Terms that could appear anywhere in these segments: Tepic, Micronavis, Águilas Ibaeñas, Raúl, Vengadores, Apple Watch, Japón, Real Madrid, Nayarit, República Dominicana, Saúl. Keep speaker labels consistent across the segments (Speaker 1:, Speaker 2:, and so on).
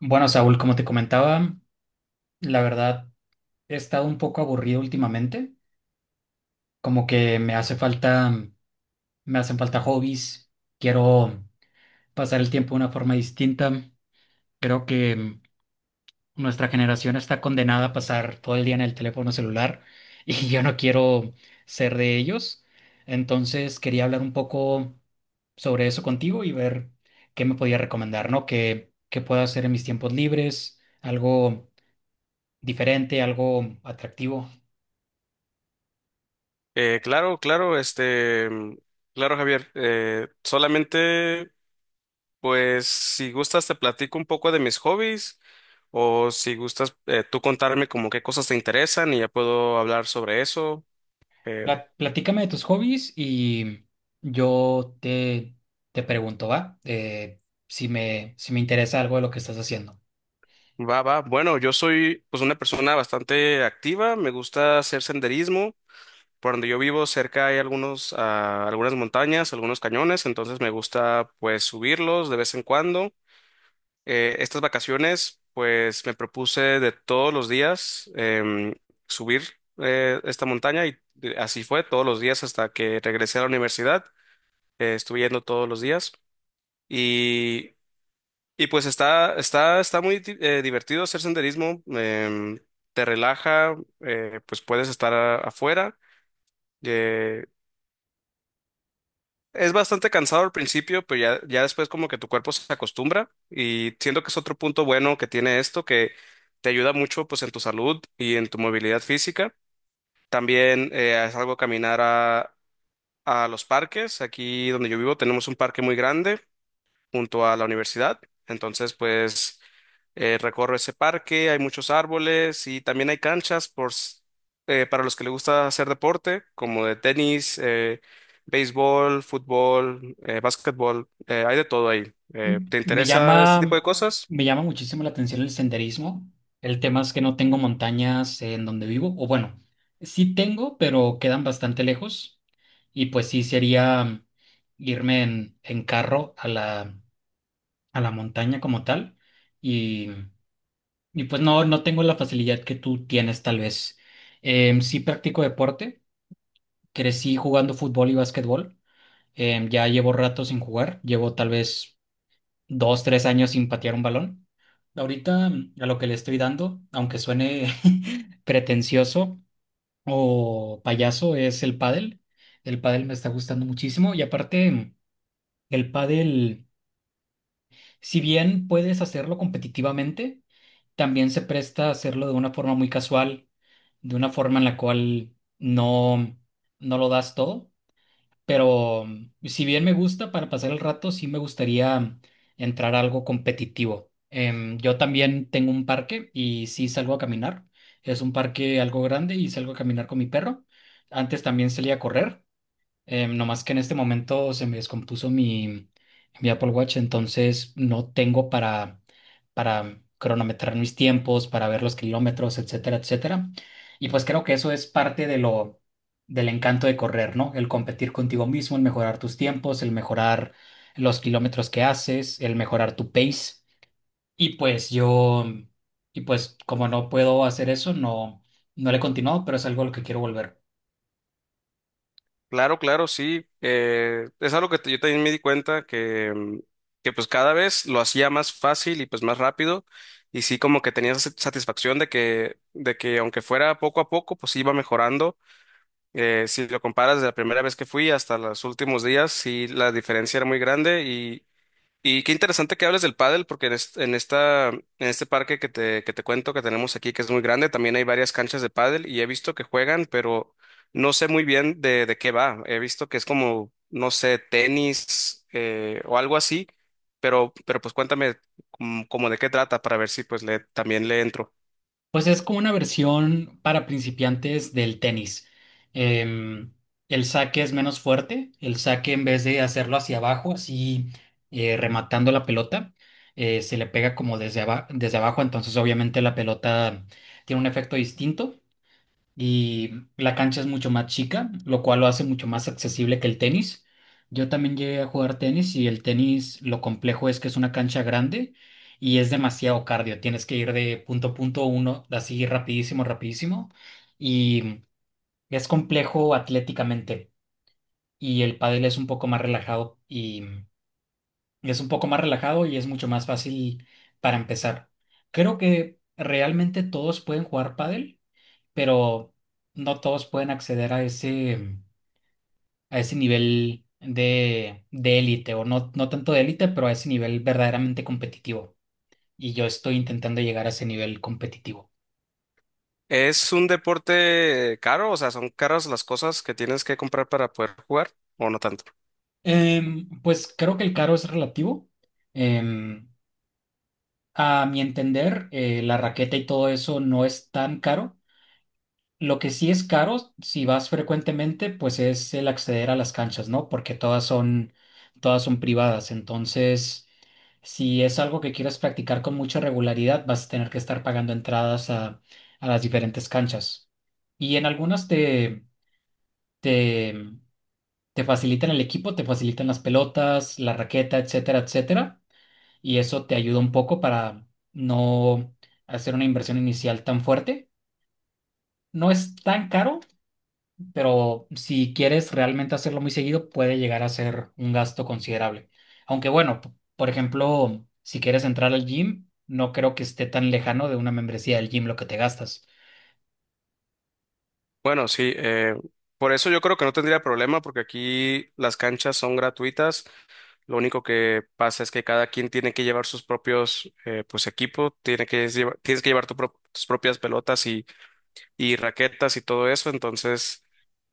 Speaker 1: Bueno, Saúl, como te comentaba, la verdad he estado un poco aburrido últimamente, como que me hace falta, me hacen falta hobbies, quiero pasar el tiempo de una forma distinta. Creo que nuestra generación está condenada a pasar todo el día en el teléfono celular y yo no quiero ser de ellos. Entonces quería hablar un poco sobre eso contigo y ver qué me podía recomendar, ¿no? ¿Qué, qué puedo hacer en mis tiempos libres? Algo diferente, algo atractivo.
Speaker 2: Claro, claro, claro, Javier. Solamente, pues, si gustas, te platico un poco de mis hobbies, o si gustas, tú contarme como qué cosas te interesan y ya puedo hablar sobre eso. Eh,
Speaker 1: Platícame de tus hobbies y yo te, te pregunto, ¿va? Si me interesa algo de lo que estás haciendo.
Speaker 2: Va, va. Bueno, yo soy, pues, una persona bastante activa. Me gusta hacer senderismo. Por donde yo vivo, cerca hay algunos, algunas montañas, algunos cañones, entonces me gusta, pues, subirlos de vez en cuando. Estas vacaciones, pues me propuse de todos los días subir esta montaña y así fue todos los días hasta que regresé a la universidad. Estuve yendo todos los días y, y pues está muy divertido hacer senderismo. Te relaja, pues puedes estar afuera. eh, Es bastante cansado al principio, pero ya después como que tu cuerpo se acostumbra y siento que es otro punto bueno que tiene esto, que te ayuda mucho pues en tu salud y en tu movilidad física. También es algo caminar a los parques. Aquí donde yo vivo tenemos un parque muy grande junto a la universidad. Entonces, pues recorro ese parque, hay muchos árboles y también hay canchas por, para los que les gusta hacer deporte, como de tenis, béisbol, fútbol, básquetbol, hay de todo ahí.
Speaker 1: M-
Speaker 2: ¿Te
Speaker 1: Me
Speaker 2: interesa este tipo
Speaker 1: llama,
Speaker 2: de cosas?
Speaker 1: Me llama muchísimo la atención el senderismo. El tema es que no tengo montañas en donde vivo, o bueno, sí tengo, pero quedan bastante lejos. Y pues sí sería en carro a la montaña como tal. y Y pues no, no tengo la facilidad que tú tienes, tal vez. Sí practico deporte, crecí jugando fútbol y básquetbol. Ya llevo rato sin jugar, llevo tal vez 2, 3 años sin patear un balón. Ahorita a lo que le estoy dando, aunque suene pretencioso o payaso, es el pádel. El pádel me está gustando muchísimo y aparte el pádel. Si bien puedes hacerlo competitivamente, también se presta a hacerlo de una forma muy casual, de una forma en la cual no, no lo das todo. Pero si bien me gusta para pasar el rato, sí me gustaría entrar a algo competitivo. Yo también tengo un parque y sí salgo a caminar. Es un parque algo grande y salgo a caminar con mi perro. Antes también salía a correr. No más que en este momento se me descompuso mi Apple Watch, entonces no tengo para cronometrar mis tiempos, para ver los kilómetros, etcétera, etcétera. Y pues creo que eso es parte del encanto de correr, ¿no? El competir contigo mismo, el mejorar tus tiempos, el mejorar los kilómetros que haces, el mejorar tu pace. Y pues yo, y pues como no puedo hacer eso, no, no le he continuado, pero es algo a lo que quiero volver.
Speaker 2: Claro, claro, sí. Es algo que yo también me di cuenta que, que pues cada vez lo hacía más fácil y pues más rápido y sí como que tenía esa satisfacción de que aunque fuera poco a poco pues iba mejorando. Si lo comparas de la primera vez que fui hasta los últimos días, sí la diferencia era muy grande y qué interesante que hables del pádel, porque en esta, en este parque que te cuento que tenemos aquí, que es muy grande, también hay varias canchas de pádel y he visto que juegan, pero no sé muy bien de qué va. He visto que es como, no sé, tenis o algo así, pero pues cuéntame como, como de qué trata para ver si pues le, también le entro.
Speaker 1: Pues es como una versión para principiantes del tenis. Em, el saque es menos fuerte, el saque en vez de hacerlo hacia abajo, así rematando la pelota, se le pega como desde, desde abajo, entonces obviamente la pelota tiene un efecto distinto y la cancha es mucho más chica, lo cual lo hace mucho más accesible que el tenis. Yo también llegué a jugar tenis y el tenis lo complejo es que es una cancha grande y es demasiado cardio. Tienes que ir de punto a punto uno, así rapidísimo, rapidísimo. Y es complejo atléticamente. Y el pádel es un poco más relajado y es mucho más fácil para empezar. Creo que realmente todos pueden jugar pádel pero no todos pueden acceder a a ese nivel de élite, o no, no tanto de élite, pero a ese nivel verdaderamente competitivo. Y yo estoy intentando llegar a ese nivel competitivo.
Speaker 2: ¿Es un deporte caro? O sea, ¿son caras las cosas que tienes que comprar para poder jugar o no tanto?
Speaker 1: Pues creo que el caro es relativo. Em, a mi entender, la raqueta y todo eso no es tan caro. Lo que sí es caro, si vas frecuentemente, pues es el acceder a las canchas, ¿no? Porque todas son privadas. Entonces, si es algo que quieres practicar con mucha regularidad, vas a tener que estar pagando entradas a las diferentes canchas. Y en algunas te, te facilitan el equipo, te facilitan las pelotas, la raqueta, etcétera, etcétera. Y eso te ayuda un poco para no hacer una inversión inicial tan fuerte. No es tan caro, pero si quieres realmente hacerlo muy seguido, puede llegar a ser un gasto considerable. Aunque bueno, por ejemplo, si quieres entrar al gym, no creo que esté tan lejano de una membresía del gym lo que te gastas.
Speaker 2: Bueno, sí, por eso yo creo que no tendría problema porque aquí las canchas son gratuitas. Lo único que pasa es que cada quien tiene que llevar sus propios pues equipo, tiene que llevar, tienes que llevar tus propias pelotas y raquetas y todo eso. Entonces,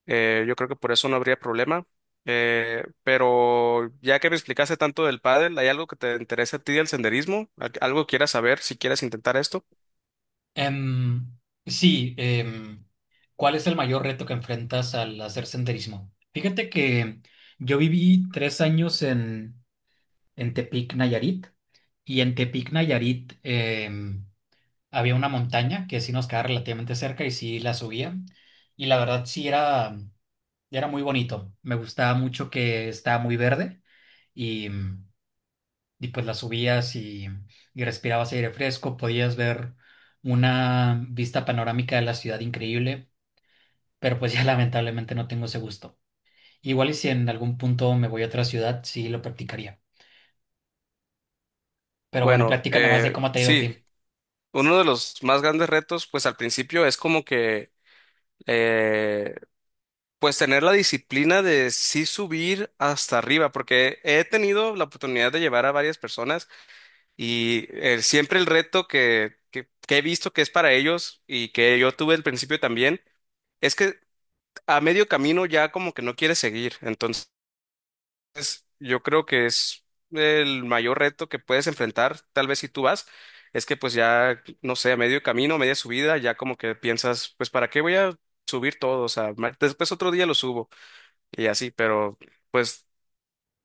Speaker 2: yo creo que por eso no habría problema. Pero ya que me explicaste tanto del pádel, ¿hay algo que te interese a ti del senderismo? Algo quieras saber si quieres intentar esto?
Speaker 1: Em, sí, ¿cuál es el mayor reto que enfrentas al hacer senderismo? Fíjate que yo viví 3 años en Tepic, Nayarit, y en Tepic, Nayarit, había una montaña que sí nos quedaba relativamente cerca y sí la subía. Y la verdad era muy bonito. Me gustaba mucho que estaba muy verde y, y pues la subías y respirabas aire fresco, podías ver una vista panorámica de la ciudad increíble, pero pues ya lamentablemente no tengo ese gusto. Igual y si en algún punto me voy a otra ciudad, sí lo practicaría. Pero bueno,
Speaker 2: Bueno,
Speaker 1: platícame más de cómo te ha ido a
Speaker 2: sí.
Speaker 1: ti.
Speaker 2: Uno de los más grandes retos, pues al principio es como que, eh, pues tener la disciplina de sí subir hasta arriba, porque he tenido la oportunidad de llevar a varias personas y siempre el reto que he visto que es para ellos y que yo tuve al principio también, es que a medio camino ya como que no quieres seguir. Entonces, yo creo que es el mayor reto que puedes enfrentar, tal vez si tú vas, es que pues ya, no sé, a medio camino, media subida, ya como que piensas, pues ¿para qué voy a subir todo? O sea, después otro día lo subo y así, pero pues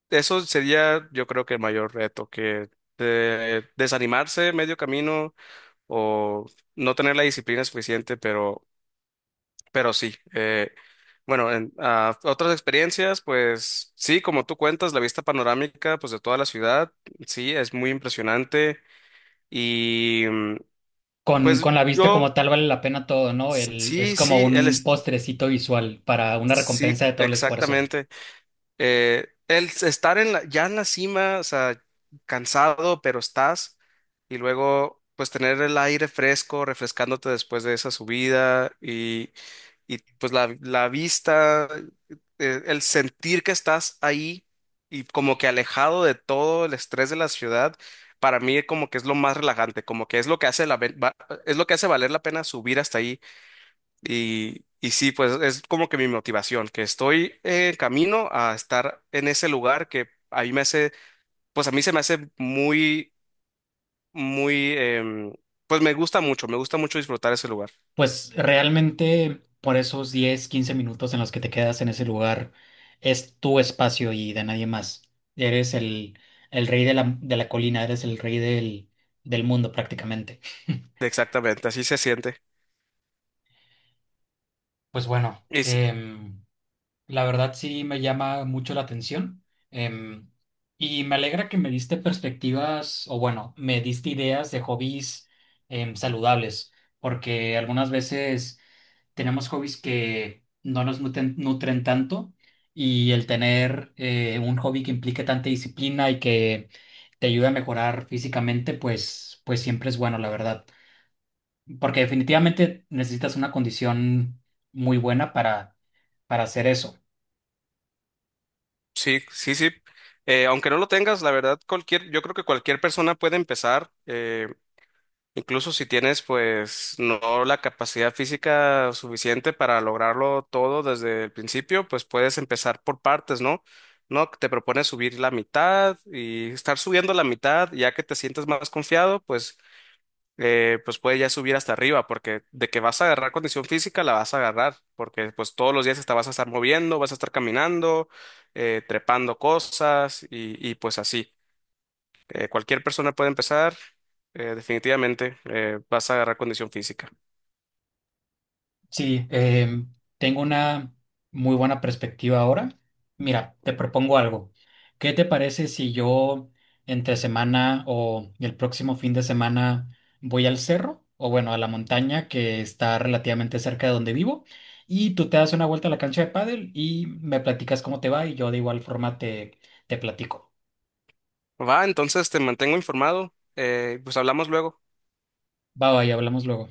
Speaker 2: eso sería yo creo que el mayor reto, que desanimarse medio camino o no tener la disciplina suficiente, pero sí, bueno, otras experiencias, pues sí, como tú cuentas, la vista panorámica, pues de toda la ciudad, sí, es muy impresionante. Y mm,
Speaker 1: Con,
Speaker 2: pues
Speaker 1: con la vista como
Speaker 2: yo,
Speaker 1: tal vale la pena todo, ¿no? El, es
Speaker 2: sí,
Speaker 1: como
Speaker 2: sí, él
Speaker 1: un
Speaker 2: es,
Speaker 1: postrecito visual para una
Speaker 2: sí,
Speaker 1: recompensa de todo el esfuerzo.
Speaker 2: exactamente. El estar en la, ya en la cima, o sea, cansado, pero estás, y luego, pues tener el aire fresco, refrescándote después de esa subida y pues la vista, el sentir que estás ahí y como que alejado de todo el estrés de la ciudad, para mí como que es lo más relajante, como que es lo que hace es lo que hace valer la pena subir hasta ahí. Y sí, pues es como que mi motivación, que estoy en camino a estar en ese lugar que a mí me hace, pues a mí se me hace muy, muy, pues me gusta mucho disfrutar ese lugar.
Speaker 1: Pues realmente por esos 10 o 15 minutos en los que te quedas en ese lugar es tu espacio y de nadie más. Eres el rey de la colina, eres el rey del mundo prácticamente.
Speaker 2: Exactamente, así se siente.
Speaker 1: Pues bueno,
Speaker 2: Y
Speaker 1: la verdad sí me llama mucho la atención, em, y me alegra que me diste perspectivas o bueno, me diste ideas de hobbies, saludables, porque algunas veces tenemos hobbies que no nos nutren tanto, y el tener un hobby que implique tanta disciplina y que te ayude a mejorar físicamente, pues, pues siempre es bueno, la verdad, porque definitivamente necesitas una condición muy buena para hacer eso.
Speaker 2: sí, sí, sí. Aunque no lo tengas, la verdad, cualquier, yo creo que cualquier persona puede empezar, incluso si tienes, pues, no la capacidad física suficiente para lograrlo todo desde el principio, pues puedes empezar por partes, ¿no? No, te propones subir la mitad y estar subiendo la mitad, ya que te sientes más confiado, pues pues puede ya subir hasta arriba, porque de que vas a agarrar condición física la vas a agarrar, porque pues todos los días te vas a estar moviendo, vas a estar caminando, trepando cosas y pues así. Cualquier persona puede empezar, definitivamente vas a agarrar condición física.
Speaker 1: Sí, tengo una muy buena perspectiva ahora. Mira, te propongo algo. ¿Qué te parece si yo entre semana o el próximo fin de semana voy al cerro o bueno, a la montaña que está relativamente cerca de donde vivo y tú te das una vuelta a la cancha de pádel y me platicas cómo te va y yo de igual forma te platico.
Speaker 2: Va, entonces te mantengo informado, pues hablamos luego.
Speaker 1: Va, va, y hablamos luego.